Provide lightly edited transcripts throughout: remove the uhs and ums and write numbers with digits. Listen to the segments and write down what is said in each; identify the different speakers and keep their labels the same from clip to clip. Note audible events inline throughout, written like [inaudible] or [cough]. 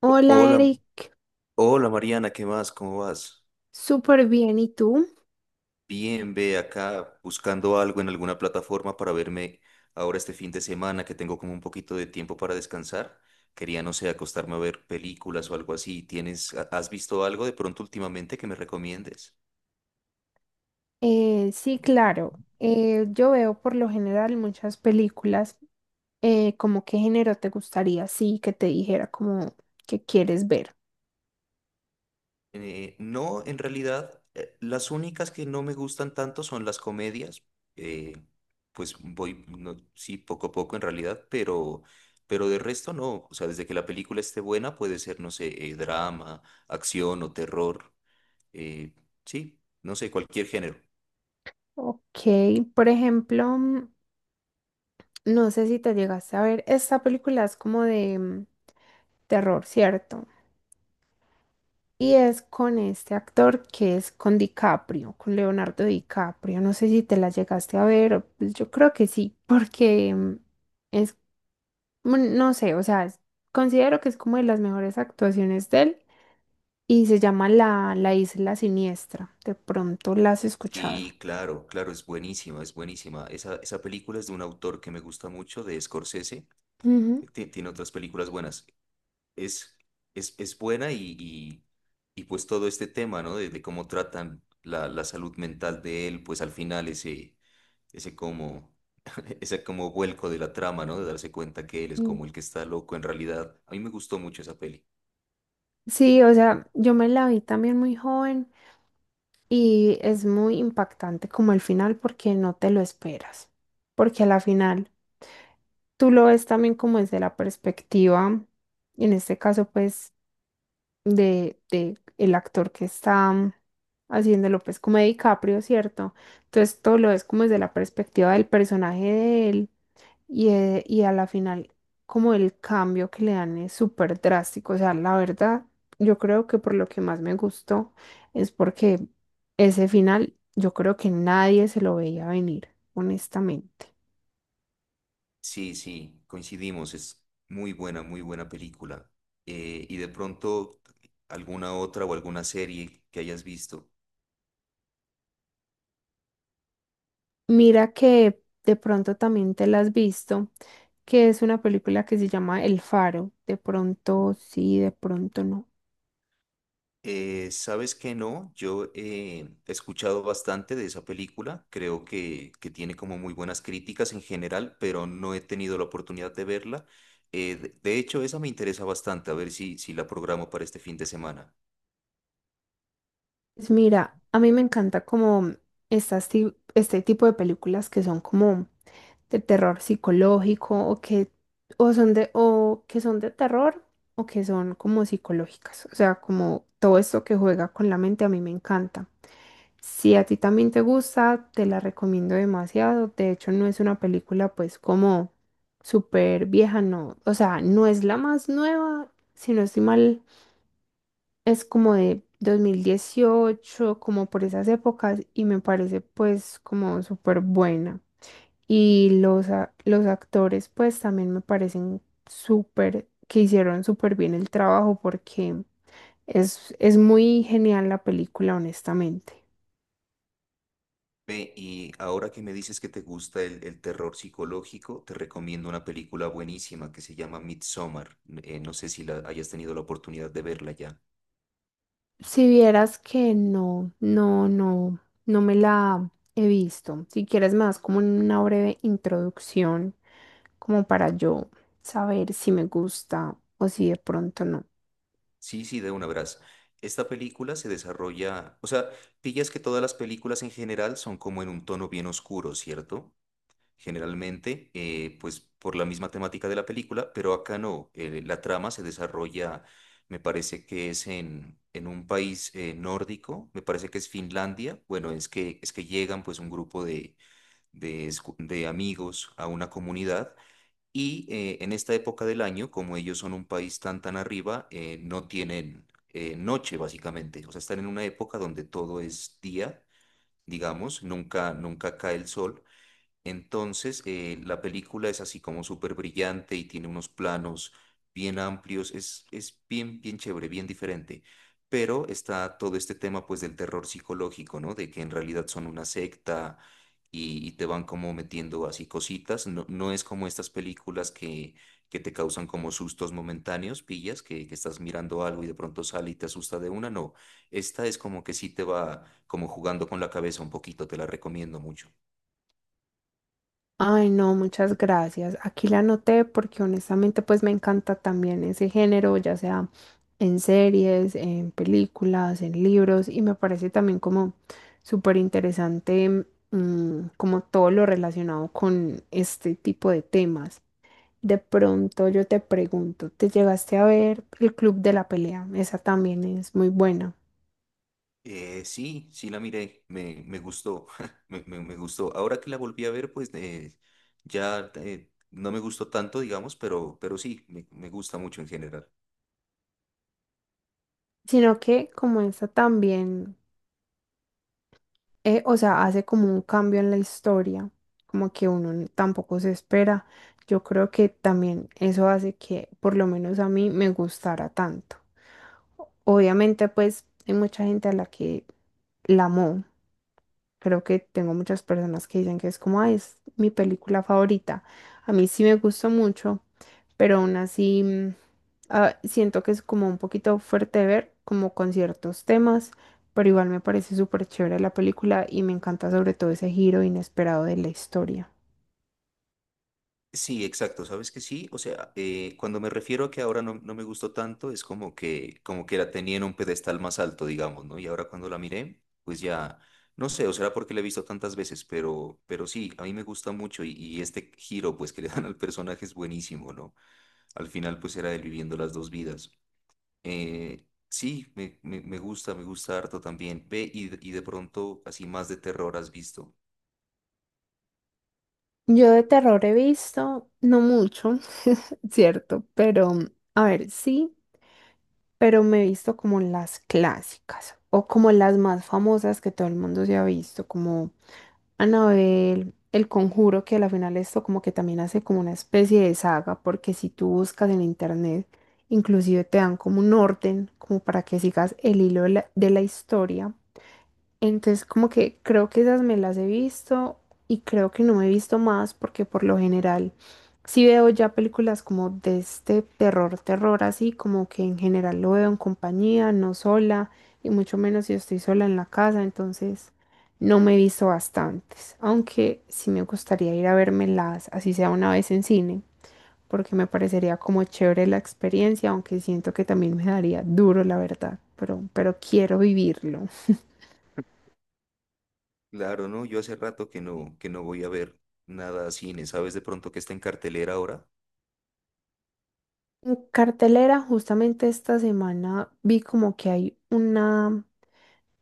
Speaker 1: Hola
Speaker 2: Hola,
Speaker 1: Eric,
Speaker 2: hola Mariana, ¿qué más? ¿Cómo vas?
Speaker 1: súper bien. ¿Y tú?
Speaker 2: Bien, ve acá buscando algo en alguna plataforma para verme ahora este fin de semana que tengo como un poquito de tiempo para descansar. Quería, no sé, acostarme a ver películas o algo así. ¿ Has visto algo de pronto últimamente que me recomiendes?
Speaker 1: Sí, claro. Yo veo por lo general muchas películas. ¿Cómo qué género te gustaría? Sí, que te dijera como que quieres ver.
Speaker 2: No, en realidad, las únicas que no me gustan tanto son las comedias. eh, pues voy, sí, poco a poco en realidad, pero de resto no. O sea, desde que la película esté buena, puede ser, no sé, drama, acción o terror. eh, sí, no sé, cualquier género.
Speaker 1: Ok, por ejemplo, no sé si te llegaste a ver, esta película es como de terror, ¿cierto? Y es con este actor que es con DiCaprio, con Leonardo DiCaprio. No sé si te la llegaste a ver, pues yo creo que sí, porque es no sé, o sea, considero que es como de las mejores actuaciones de él y se llama la Isla Siniestra. De pronto la has escuchado.
Speaker 2: Sí, claro, claro, es buenísima, es buenísima. Esa película es de un autor que me gusta mucho, de Scorsese.
Speaker 1: Ujú.
Speaker 2: Tiene otras películas buenas. es, es buena y pues todo este tema, ¿no? De cómo tratan la salud mental de él, pues al final ese como, [laughs] ese como vuelco de la trama, ¿no? De darse cuenta que él es
Speaker 1: Mm.
Speaker 2: como el que está loco en realidad. A mí me gustó mucho esa peli.
Speaker 1: Sí, o sea, yo me la vi también muy joven y es muy impactante como el final porque no te lo esperas. Porque a la final tú lo ves también como desde la perspectiva, en este caso pues de el actor que está haciéndolo, pues como de DiCaprio, ¿cierto? Entonces todo lo ves como desde la perspectiva del personaje de él y a la final como el cambio que le dan es súper drástico. O sea, la verdad, yo creo que por lo que más me gustó es porque ese final yo creo que nadie se lo veía venir, honestamente.
Speaker 2: Sí, sí, coincidimos, es muy buena película. Y de pronto, alguna otra o alguna serie que hayas visto.
Speaker 1: Mira que de pronto también te la has visto, que es una película que se llama El Faro. De pronto sí, de pronto no.
Speaker 2: ¿Sabes que no? Yo he escuchado bastante de esa película, creo que tiene como muy buenas críticas en general, pero no he tenido la oportunidad de verla. De hecho, esa me interesa bastante, a ver si la programo para este fin de semana.
Speaker 1: Pues mira, a mí me encanta como este tipo de películas que son como de terror psicológico o que o que son de terror o que son como psicológicas. O sea, como todo esto que juega con la mente a mí me encanta. Si a ti también te gusta, te la recomiendo demasiado. De hecho, no es una película pues como súper vieja, no. O sea, no es la más nueva, si no estoy mal, es como de 2018, como por esas épocas, y me parece pues como súper buena. Y los actores pues también me parecen súper, que hicieron súper bien el trabajo porque es muy genial la película, honestamente.
Speaker 2: Ve, y ahora que me dices que te gusta el terror psicológico, te recomiendo una película buenísima que se llama Midsommar. No sé si la hayas tenido la oportunidad de verla ya.
Speaker 1: Si vieras que no, no me la he visto. Si quieres más como una breve introducción, como para yo saber si me gusta o si de pronto no.
Speaker 2: Sí, sí, de una verás. Esta película se desarrolla, o sea, pillas que todas las películas en general son como en un tono bien oscuro, ¿cierto? Generalmente, pues por la misma temática de la película, pero acá no. La trama se desarrolla, me parece que es en un país nórdico, me parece que es Finlandia. Bueno, es que llegan pues un grupo de amigos a una comunidad y en esta época del año, como ellos son un país tan tan arriba, no tienen noche básicamente. O sea, están en una época donde todo es día, digamos, nunca cae el sol. Entonces, la película es así como súper brillante y tiene unos planos bien amplios, bien chévere, bien diferente. Pero está todo este tema pues del terror psicológico, ¿no? De que en realidad son una secta y te van como metiendo así cositas. No es como estas películas que te causan como sustos momentáneos, pillas, que estás mirando algo y de pronto sale y te asusta de una. No, esta es como que sí te va como jugando con la cabeza un poquito, te la recomiendo mucho.
Speaker 1: Ay, no, muchas gracias. Aquí la anoté porque honestamente pues me encanta también ese género, ya sea en series, en películas, en libros y me parece también como súper interesante, como todo lo relacionado con este tipo de temas. De pronto yo te pregunto, ¿te llegaste a ver el Club de la Pelea? Esa también es muy buena.
Speaker 2: Sí, sí la miré, me gustó, [laughs] me gustó. Ahora que la volví a ver, pues ya no me gustó tanto, digamos, pero sí, me gusta mucho en general.
Speaker 1: Sino que como esa también, o sea, hace como un cambio en la historia, como que tampoco se espera. Yo creo que también eso hace que por lo menos a mí me gustara tanto. Obviamente, pues hay mucha gente a la que la amó. Creo que tengo muchas personas que dicen que es como, "Ay, es mi película favorita". A mí sí me gustó mucho, pero aún así, siento que es como un poquito fuerte de ver, como con ciertos temas, pero igual me parece súper chévere la película y me encanta sobre todo ese giro inesperado de la historia.
Speaker 2: Sí, exacto, sabes que sí, o sea, cuando me refiero a que ahora no me gustó tanto, es como como que la tenía en un pedestal más alto, digamos, ¿no? Y ahora cuando la miré, pues ya, no sé, o será porque la he visto tantas veces, pero sí, a mí me gusta mucho y este giro, pues que le dan al personaje es buenísimo, ¿no? Al final, pues era él viviendo las dos vidas. Sí, me gusta harto también. Ve, de pronto así más de terror has visto.
Speaker 1: Yo de terror he visto, no mucho, [laughs] cierto, pero a ver, sí, pero me he visto como las clásicas o como las más famosas que todo el mundo se ha visto, como Anabel, El Conjuro, que a la final esto como que también hace como una especie de saga, porque si tú buscas en internet, inclusive te dan como un orden, como para que sigas el hilo de la historia. Entonces, como que creo que esas me las he visto y creo que no me he visto más porque por lo general sí veo ya películas como de este terror, terror así, como que en general lo veo en compañía, no sola y mucho menos si estoy sola en la casa, entonces no me he visto bastantes, aunque sí me gustaría ir a vermelas, así sea una vez en cine, porque me parecería como chévere la experiencia, aunque siento que también me daría duro, la verdad, pero quiero vivirlo.
Speaker 2: Claro, ¿no? Yo hace rato que no voy a ver nada a cine. ¿Sabes de pronto que está en cartelera ahora?
Speaker 1: En cartelera, justamente esta semana vi como que hay una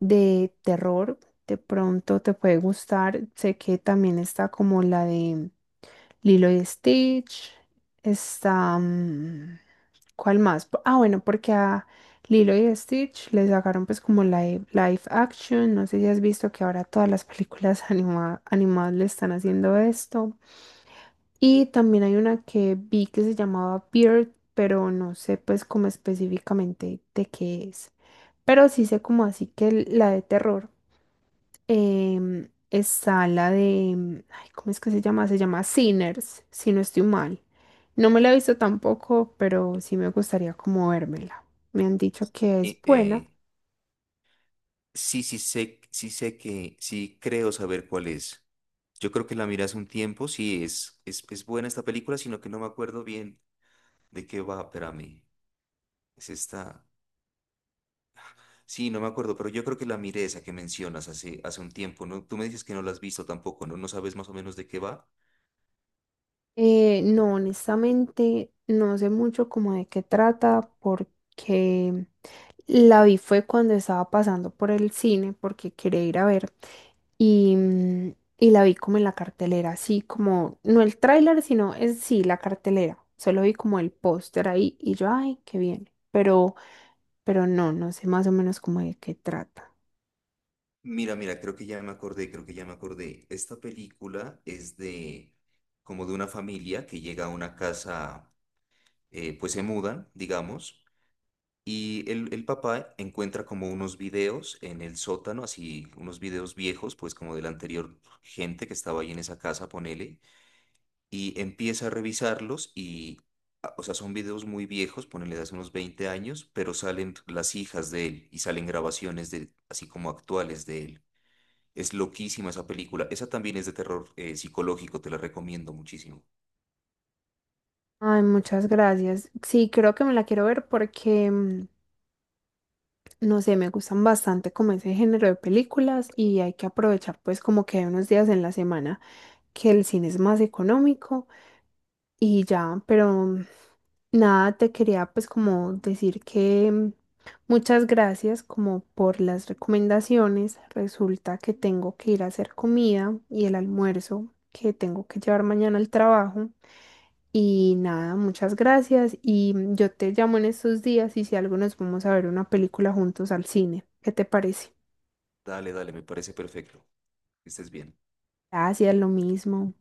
Speaker 1: de terror, de pronto te puede gustar. Sé que también está como la de Lilo y Stitch, está... ¿Cuál más? Ah, bueno, porque a Lilo y Stitch les sacaron pues como live action. No sé si has visto que ahora todas las películas [laughs] animadas le están haciendo esto. Y también hay una que vi que se llamaba Beard, pero no sé pues como específicamente de qué es. Pero sí sé como así que la de terror, está la de, ay, ¿cómo es que se llama? Se llama Sinners, si no estoy mal. No me la he visto tampoco, pero sí me gustaría como vérmela. Me han dicho que es
Speaker 2: Eh,
Speaker 1: buena.
Speaker 2: eh, sí, sí sé sí creo saber cuál es. Yo creo que la miré hace un tiempo, sí es buena esta película, sino que no me acuerdo bien de qué va, espérame. Es esta. Sí, no me acuerdo, pero yo creo que la miré esa que mencionas hace un tiempo, ¿no? Tú me dices que no la has visto tampoco, ¿no? ¿No sabes más o menos de qué va?
Speaker 1: No, honestamente, no sé mucho como de qué trata porque la vi fue cuando estaba pasando por el cine porque quería ir a ver y, y la vi como en la cartelera, así como, no el tráiler, sino es sí, la cartelera. Solo vi como el póster ahí y yo, ay, qué bien. Pero no, no sé más o menos como de qué trata.
Speaker 2: Mira, mira, creo que ya me acordé, creo que ya me acordé. Esta película es de como de una familia que llega a una casa, pues se mudan, digamos, y el papá encuentra como unos videos en el sótano, así unos videos viejos, pues como de la anterior gente que estaba ahí en esa casa, ponele y empieza a revisarlos y o sea, son videos muy viejos, ponele de hace unos 20 años, pero salen las hijas de él y salen grabaciones de, así como actuales de él. Es loquísima esa película. Esa también es de terror psicológico, te la recomiendo muchísimo.
Speaker 1: Ay, muchas gracias. Sí, creo que me la quiero ver porque no sé, me gustan bastante como ese género de películas y hay que aprovechar pues como que hay unos días en la semana que el cine es más económico y ya, pero nada, te quería pues como decir que muchas gracias como por las recomendaciones. Resulta que tengo que ir a hacer comida y el almuerzo que tengo que llevar mañana al trabajo. Y nada, muchas gracias. Y yo te llamo en estos días y si algo nos vamos a ver una película juntos al cine. ¿Qué te parece?
Speaker 2: Dale, dale, me parece perfecto. Que estés bien.
Speaker 1: Gracias, lo mismo.